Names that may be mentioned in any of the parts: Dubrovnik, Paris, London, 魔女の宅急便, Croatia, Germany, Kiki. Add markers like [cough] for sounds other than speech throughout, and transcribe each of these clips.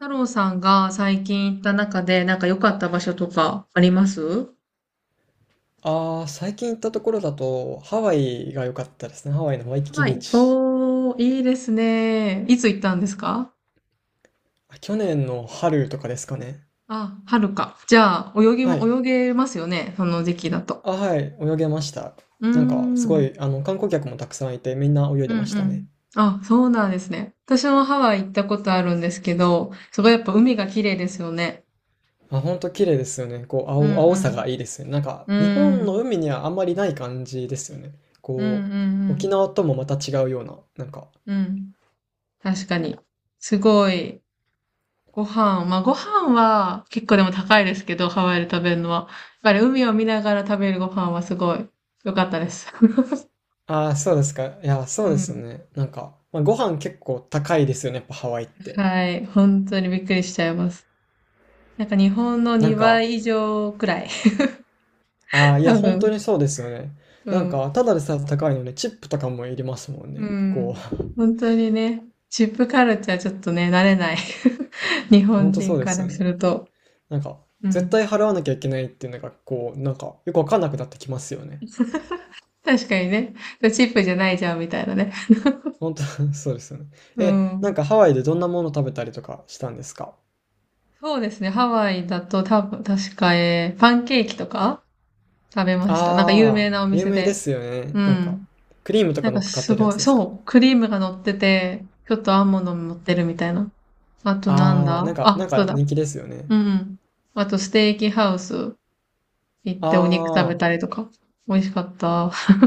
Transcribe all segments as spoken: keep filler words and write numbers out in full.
太郎さんが最近行った中で、なんか良かった場所とかあります？ああ、最近行ったところだと、ハワイが良かったですね。ハワイのワイキキはビーい。チ。おー、いいですね。いつ行ったんですか？あ去年の春とかですかね。あ、春か。じゃあ、泳ぎはも、い。泳げますよね。その時期だと。あ、はい。泳げました。うーなんか、ん。すうごんい、あの、観光客もたくさんいて、みんな泳いうでましたね。ん。あ、そうなんですね。私もハワイ行ったことあるんですけど、すごいやっぱ海が綺麗ですよね。あ、ほんと綺麗ですよね。こう、う青、青さんがいいですよね。なんか、うん。日本うのん。海にはあんまりない感じですよね。うんうこう、沖ん縄ともまた違うような、なんか。うん。うん。確かに。すごい。ご飯、まあご飯は結構でも高いですけど、ハワイで食べるのは。やっぱり海を見ながら食べるご飯はすごい良かったです。[laughs] ああ、そうですか。いや、そううですよん。ね。なんか、まあ、ご飯結構高いですよね。やっぱハワイって。はい。本当にびっくりしちゃいます。なんか日本のなん2か、倍以上くらい。ああ、[laughs] いや、多本当分。にそうですよね。うなんん。か、ただでさえ高いのに、チップとかもいりますもんうね。こん。う、本当にね、チップカルチャーちょっとね、慣れない。[laughs] 日 [laughs] 本本当そう人でかすらよすね。ると。なんか、う絶ん。対払わなきゃいけないっていうのが、こう、なんか、よくわかんなくなってきますよね。確かにね、チップじゃないじゃんみたいなね。本当 [laughs] そうですよね。うえ、なんん。かハワイでどんなもの食べたりとかしたんですか？そうですね。ハワイだと多分、確か、えーパンケーキとか食べました。なんか有ああ、名なお有店名でで。すよね。うなんか、ん。クリームとなかん乗かっかっすてるやごつい、ですか？そう、クリームが乗ってて、ちょっとアーモンドも乗ってるみたいな。あとなんああ、だなんか、あ、なんそうかだ。人気ですよね。うんうん。あとステーキハウス行っあてお肉食べたあ、りとか。美味しかった。[laughs]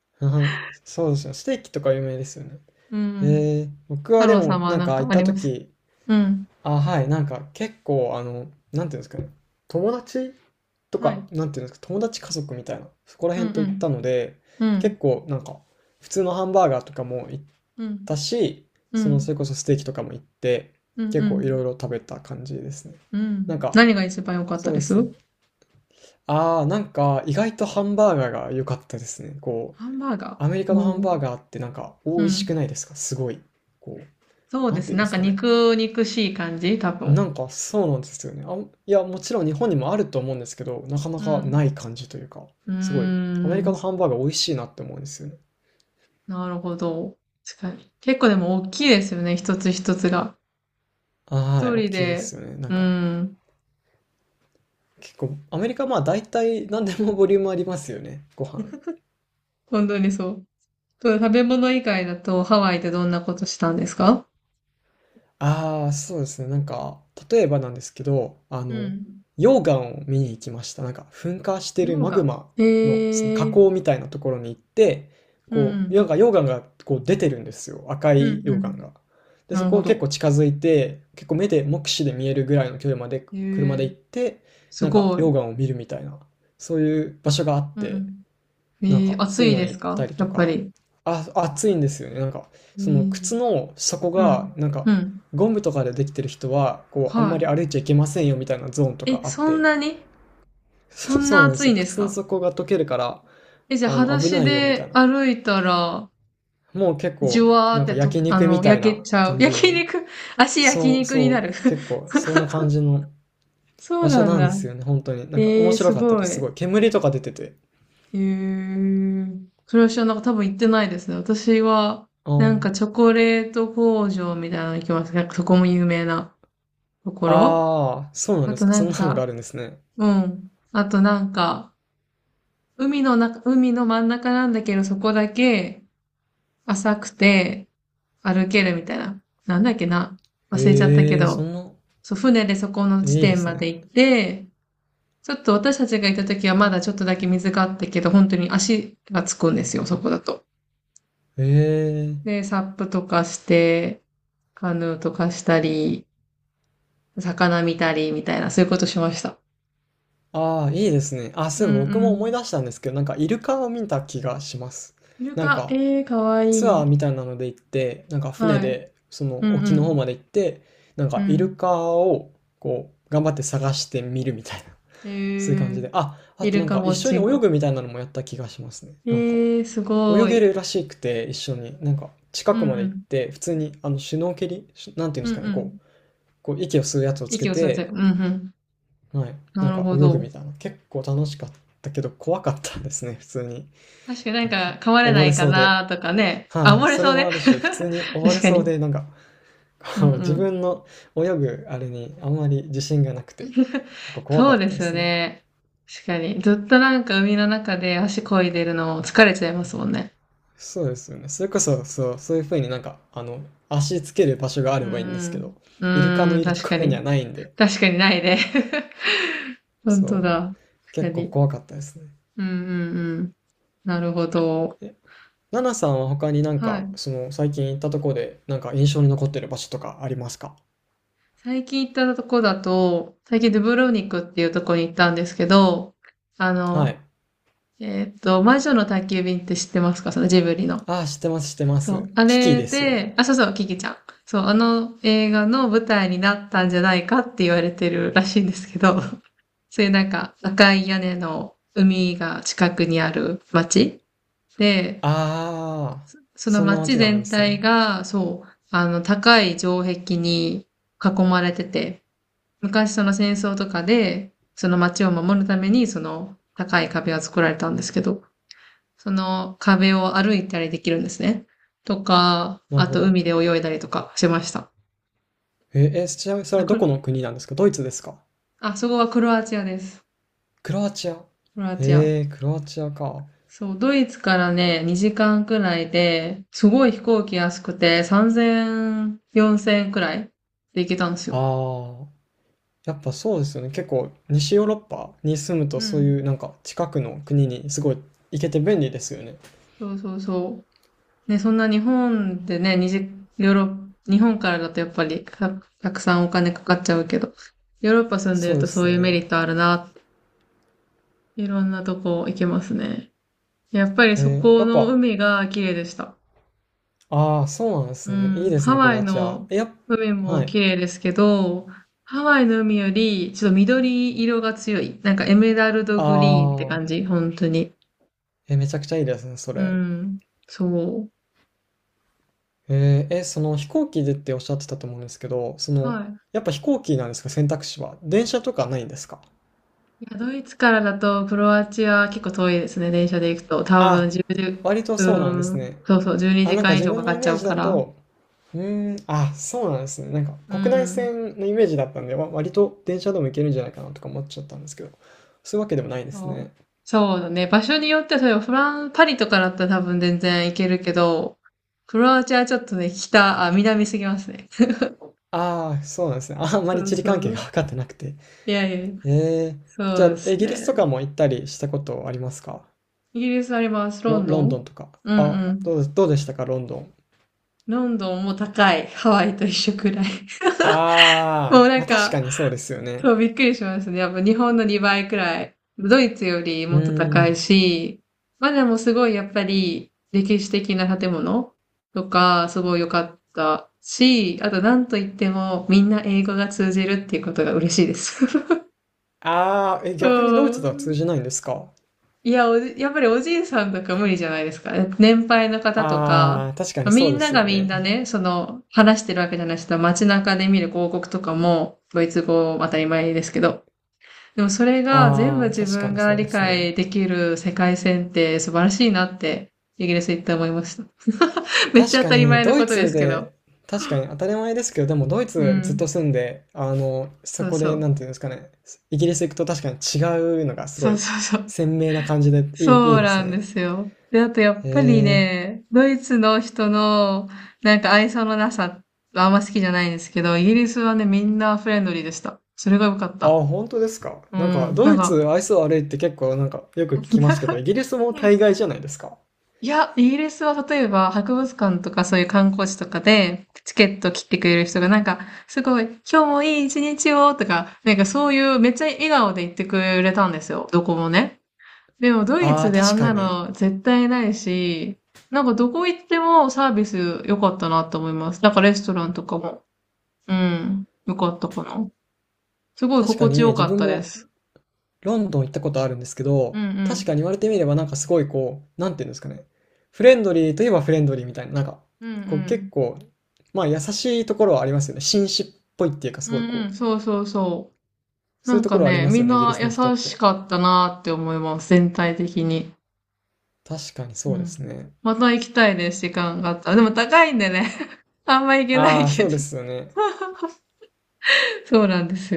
[laughs] そうですよ。ステーキとか有名ですよね。うん。ええ、僕太はで郎さんも、はなんなんか行かっあたります？時、うん。あ、はい、なんか結構あの、なんていうんですかね、友達とはか、い。なんていうんですか、友達家族みたいな、そこらうん辺と行ったので、うん。う結ん。構なんか、普通のハンバーガーとかも行っうん。たし、うその、ん。それこそステーキとかも行って、うんう結構いろん。いろ食べた感じですね。うん。なんか、何が一番良かっそたうでです？すね。ああ、なんか意外とハンバーガーが良かったですね。こう、ハンバーガアメリー。カのハうンバーん。ガーってなんか美う味しくん。ないですか？すごい。こう、そうなでんてす。いうんでなんすかかね。肉肉しい感じ多な分。んかそうなんですよね。あ、いや、もちろん日本にもあると思うんですけど、なかなうかん。ない感じというか、うーすごい、アメリカのん。ハンバーガー美味しいなって思うんですよね。なるほど。確かに。結構でも大きいですよね。一つ一つが。は一い、大人きいでで。すよね。なんうか、ん。結構、アメリカまあ大体何でもボリュームありますよね、ご飯。本当にそう。そう、食べ物以外だとハワイでどんなことしたんですか？ああ、そうですね。なんか、例えばなんですけど、あうの、ん。溶岩を見に行きました。なんか、噴火してる溶マグ岩。マの、そのへえ火口ー。みたいなところに行って、うんうこう、ん。なんか溶岩がこう出てるんですよ。赤うんいう溶岩ん。が。で、なそるこほを結ど。構近づいて、結構目で、目視で見えるぐらいの距離までへえ車で行ー。って、すなんかごい。溶岩を見るみたいな、そういう場所があっうんうて、ん。えなんか、ー、暑そういういのでに行すったか、りやとっぱか、り？あ、暑いんですよね。なんか、えそのー靴の底うが、ん。なんか、うん。ゴムとかでできてる人は、こう、あんまりは歩いちゃいけませんよみたいなゾーンとい。かえ、あっそんて、なにそ、[laughs] そんそうななんで暑すいよ。んです靴のか？底が溶けるから、え、じゃあ、あ裸の、危足ないよみたいでな。歩いたら、もう結じゅ構、わーなっんてかと、焼あ肉みの、たい焼けなちゃう。[laughs] 感じ焼に、肉、足焼そう肉にそなう、る。結構、そんな [laughs] 感じのそう場所なんなんでだ。すよね。本当に。なんか面えー、白すかったごでい。す。すえごい。煙とか出てて。ー、それは知らなかった、多分行ってないですね。私は、あなんーかチョコレート工場みたいなの行きます。なんかそこも有名なところ。あー、そうなんあですとか。なそんんなのがか、あるんですね。うん。あとなんか、海の中、海の真ん中なんだけど、そこだけ浅くて歩けるみたいな。なんだっけな。忘れちゃったけへえ、そど。んな、そう、船でそこの地いいで点すまでね。行って、ちょっと私たちが行った時はまだちょっとだけ水があったけど、本当に足がつくんですよ、そこだと。へえ。で、サップとかして、カヌーとかしたり、魚見たりみたいな、そういうことしました。ああ、いいですね。あ、そうういえんばう僕も思いん。出したんですけど、なんかイルカを見た気がします。イルなんカ、かええー、かわツいアーい。みたいなので行って、なんか船はい。でそうんのう沖の方ん。まで行って、なんうかイルん。カをこう頑張って探してみるみたいな、えそういう感じー、で。あ、あイとなルんカウか一ォッ緒チにン泳グ。ぐみたいなのもやった気がしますね。えなんかー、す泳ごげい。るらしくて一緒に、なんか近うんくうまで行っん。て、普通にあのシュノーケリ、シュなんていうんでうんすうかね、ん。こう、こう息を吸うやつをつけ息を吸って、うて、んうん。はい。ななんるかほ泳ぐど。みたいな。結構楽しかったけど怖かったですね、普通に。確かに、なんなんかか噛まれな溺れいかそうで。なとかね。あ、はあ溺れそれそうもね。あるし、普通に [laughs] 溺れ確かそうに。で、なんか、うんこう自うん。分の泳ぐあれにあんまり自信がなくて、[laughs] 結構怖そかうっでたですよすね。ね。確かに。ずっとなんか海の中で足漕いでるの疲れちゃいますもんね。そうですよね。それこそ、そう、そういう風になんか、あの、足つける場所があうれんうばいいんですけん。ど、うイルカーのん、いると確こかろにに。はないんで、確かにないね。[laughs] 本当そう、だ。確か結構に。怖かったですね。うんうんうん。なるほど。え、ナナさんは他になんはか、い。その最近行ったとこで、なんか印象に残ってる場所とかありますか？最近行ったとこだと、最近ドゥブロニクっていうとこに行ったんですけど、あはの、い。えーっと、魔女の宅急便って知ってますか？そのジブリの。ああ、知ってます、知ってます。そう。あキキれですよね。で、あ、そうそう、キキちゃん。そう、あの映画の舞台になったんじゃないかって言われてるらしいんですけど、[laughs] そういうなんか赤い屋根の海が近くにある町で、ああ、そのそんな町街があるんで全す体ね。が、そう、あの、高い城壁に囲まれてて、昔その戦争とかで、その街を守るために、その高い壁が作られたんですけど、その壁を歩いたりできるんですね。とか、なるあほとど。海で泳いだりとかしました。えー、えちなみにそれあ、はどくこるの国なんですか？ドイツですか？あ、そこはクロアチアです。クロアチア。クロアチア。へえ、クロアチアか。そう、ドイツからね、にじかんくらいで、すごい飛行機安くて、さんぜん、よんせんくらいで行けたんですよ。ああ、やっぱそうですよね。結構、西ヨーロッパに住むと、うそうん。いうなんか近くの国にすごい行けて便利ですよね。そうそうそう。ね、そんな日本でね、にじヨーロッ、日本からだとやっぱりた、たくさんお金かかっちゃうけど、ヨーロッパ住んでそるうでとそすういうメね。リットあるなって、いろんなとこ行けますね。やっぱりそえー、やこっのぱ海が綺麗でした。ああ、そうなんですうね。いいん、ですハね、クワロイアチア。のいや海はもい。綺麗ですけど、ハワイの海よりちょっと緑色が強い。なんかエメラルドあグリーンってあ、感じ、本当に。え、めちゃくちゃいいですね、そうれ。ん、そう。えーえ、その飛行機でっておっしゃってたと思うんですけど、その、はい。やっぱ飛行機なんですか、選択肢は。電車とかないんですか？いや、ドイツからだとクロアチア結構遠いですね、電車で行くと。多分あ、割とじゅう、そうなんでうすん、ね。そうそう、12あ、時なんか間以自上分かかのイっちメゃーうジかだら。と、うーん、あ、そうなんですね。なんかう国内ん、線のイメージだったんで、わ割と電車でも行けるんじゃないかなとか思っちゃったんですけど、そういうわけでもないですそう。ね。そうだね。場所によっては、それフラン、パリとかだったら多分全然行けるけど、クロアチアはちょっとね、北、あ、南すぎますね。[laughs] ああ、そうなんですね。あんまりそう地理そ関係がう。分かってなくて。いやいや、ええ、じそゃうであ、すイギリスとね。かも行ったりしたことありますか？イギリスあります。ロロ、ンドロンドンン。とか。うんうあ、ん。どうで、どうでしたか、ロンドン。ロンドンも高い。ハワイと一緒くらい。[laughs] もあうあ、なまんあ確かか、にそうですよね。そう、びっくりしましたね。やっぱ日本のにばいくらい。ドイツよりうもっとー高いん。し、まあでもすごいやっぱり歴史的な建物とかすごい良かったし、あとなんといってもみんな英語が通じるっていうことが嬉しいです。ああ、え、[laughs] う逆にドイツとは通ん。じないんですか？いや、おじ、やっぱりおじいさんとか無理じゃないですか。年配の方とか、ああ、確かまにあそみうんでなすよがみんね。なね、その、話してるわけじゃない人は街中で見る広告とかも、ドイツ語当たり前ですけど、でもそれが全部ああ、自確か分にがそう理ですね。解できる世界線って素晴らしいなって、イギリス行って思いました。[laughs] めっち確ゃか当たりに、前のドこイとでツすけど。で、確かに当たり前ですけど、でもドイうツずっん。と住んで、あの、そそうこそで、う。なんていうんですかね、イギリス行くと確かに違うのがすごそういそうそう。鮮明な感じでいい、いそいうでなすんでね。すよ。で、あとやへっぱりえ。ね、ドイツの人のなんか愛想のなさはあんま好きじゃないんですけど、イギリスはね、みんなフレンドリーでした。それが良かっあ、た。本当ですか。うなんか、ん。なドんイか、ツ、愛想悪いって結構なんか、よく聞きますけど、[laughs] イギリスも大概じゃないですか。いや、イギリスは例えば博物館とかそういう観光地とかでチケット切ってくれる人がなんか、すごい、今日もいい一日をとか、なんかそういうめっちゃ笑顔で言ってくれたんですよ。どこもね。でもドイああ、ツであ確んかなに。の絶対ないし、なんかどこ行ってもサービス良かったなと思います。なんかレストランとかも。うん。良かったかな。すごい確か心地に、よ自かっ分たでもす。ロンドン行ったことあるんですけうんど、う確かん。に言われてみればなんかすごいこう、なんていうんですかね。フレンドリーといえばフレンドリーみたいな、なんか、うんうこう結ん。構、まあ優しいところはありますよね。紳士っぽいっていうか、すうごいんうこん。う、そうそうそう。そなういうんとかころはありね、ますみよんね、イギリなス優の人っして。かったなって思います。全体的に。確かにうそうでん。すね。また行きたいです、時間があったら。でも高いんでね。[laughs] あんま行けないああ、けそうど。ですよね。[laughs] そうなんですよ。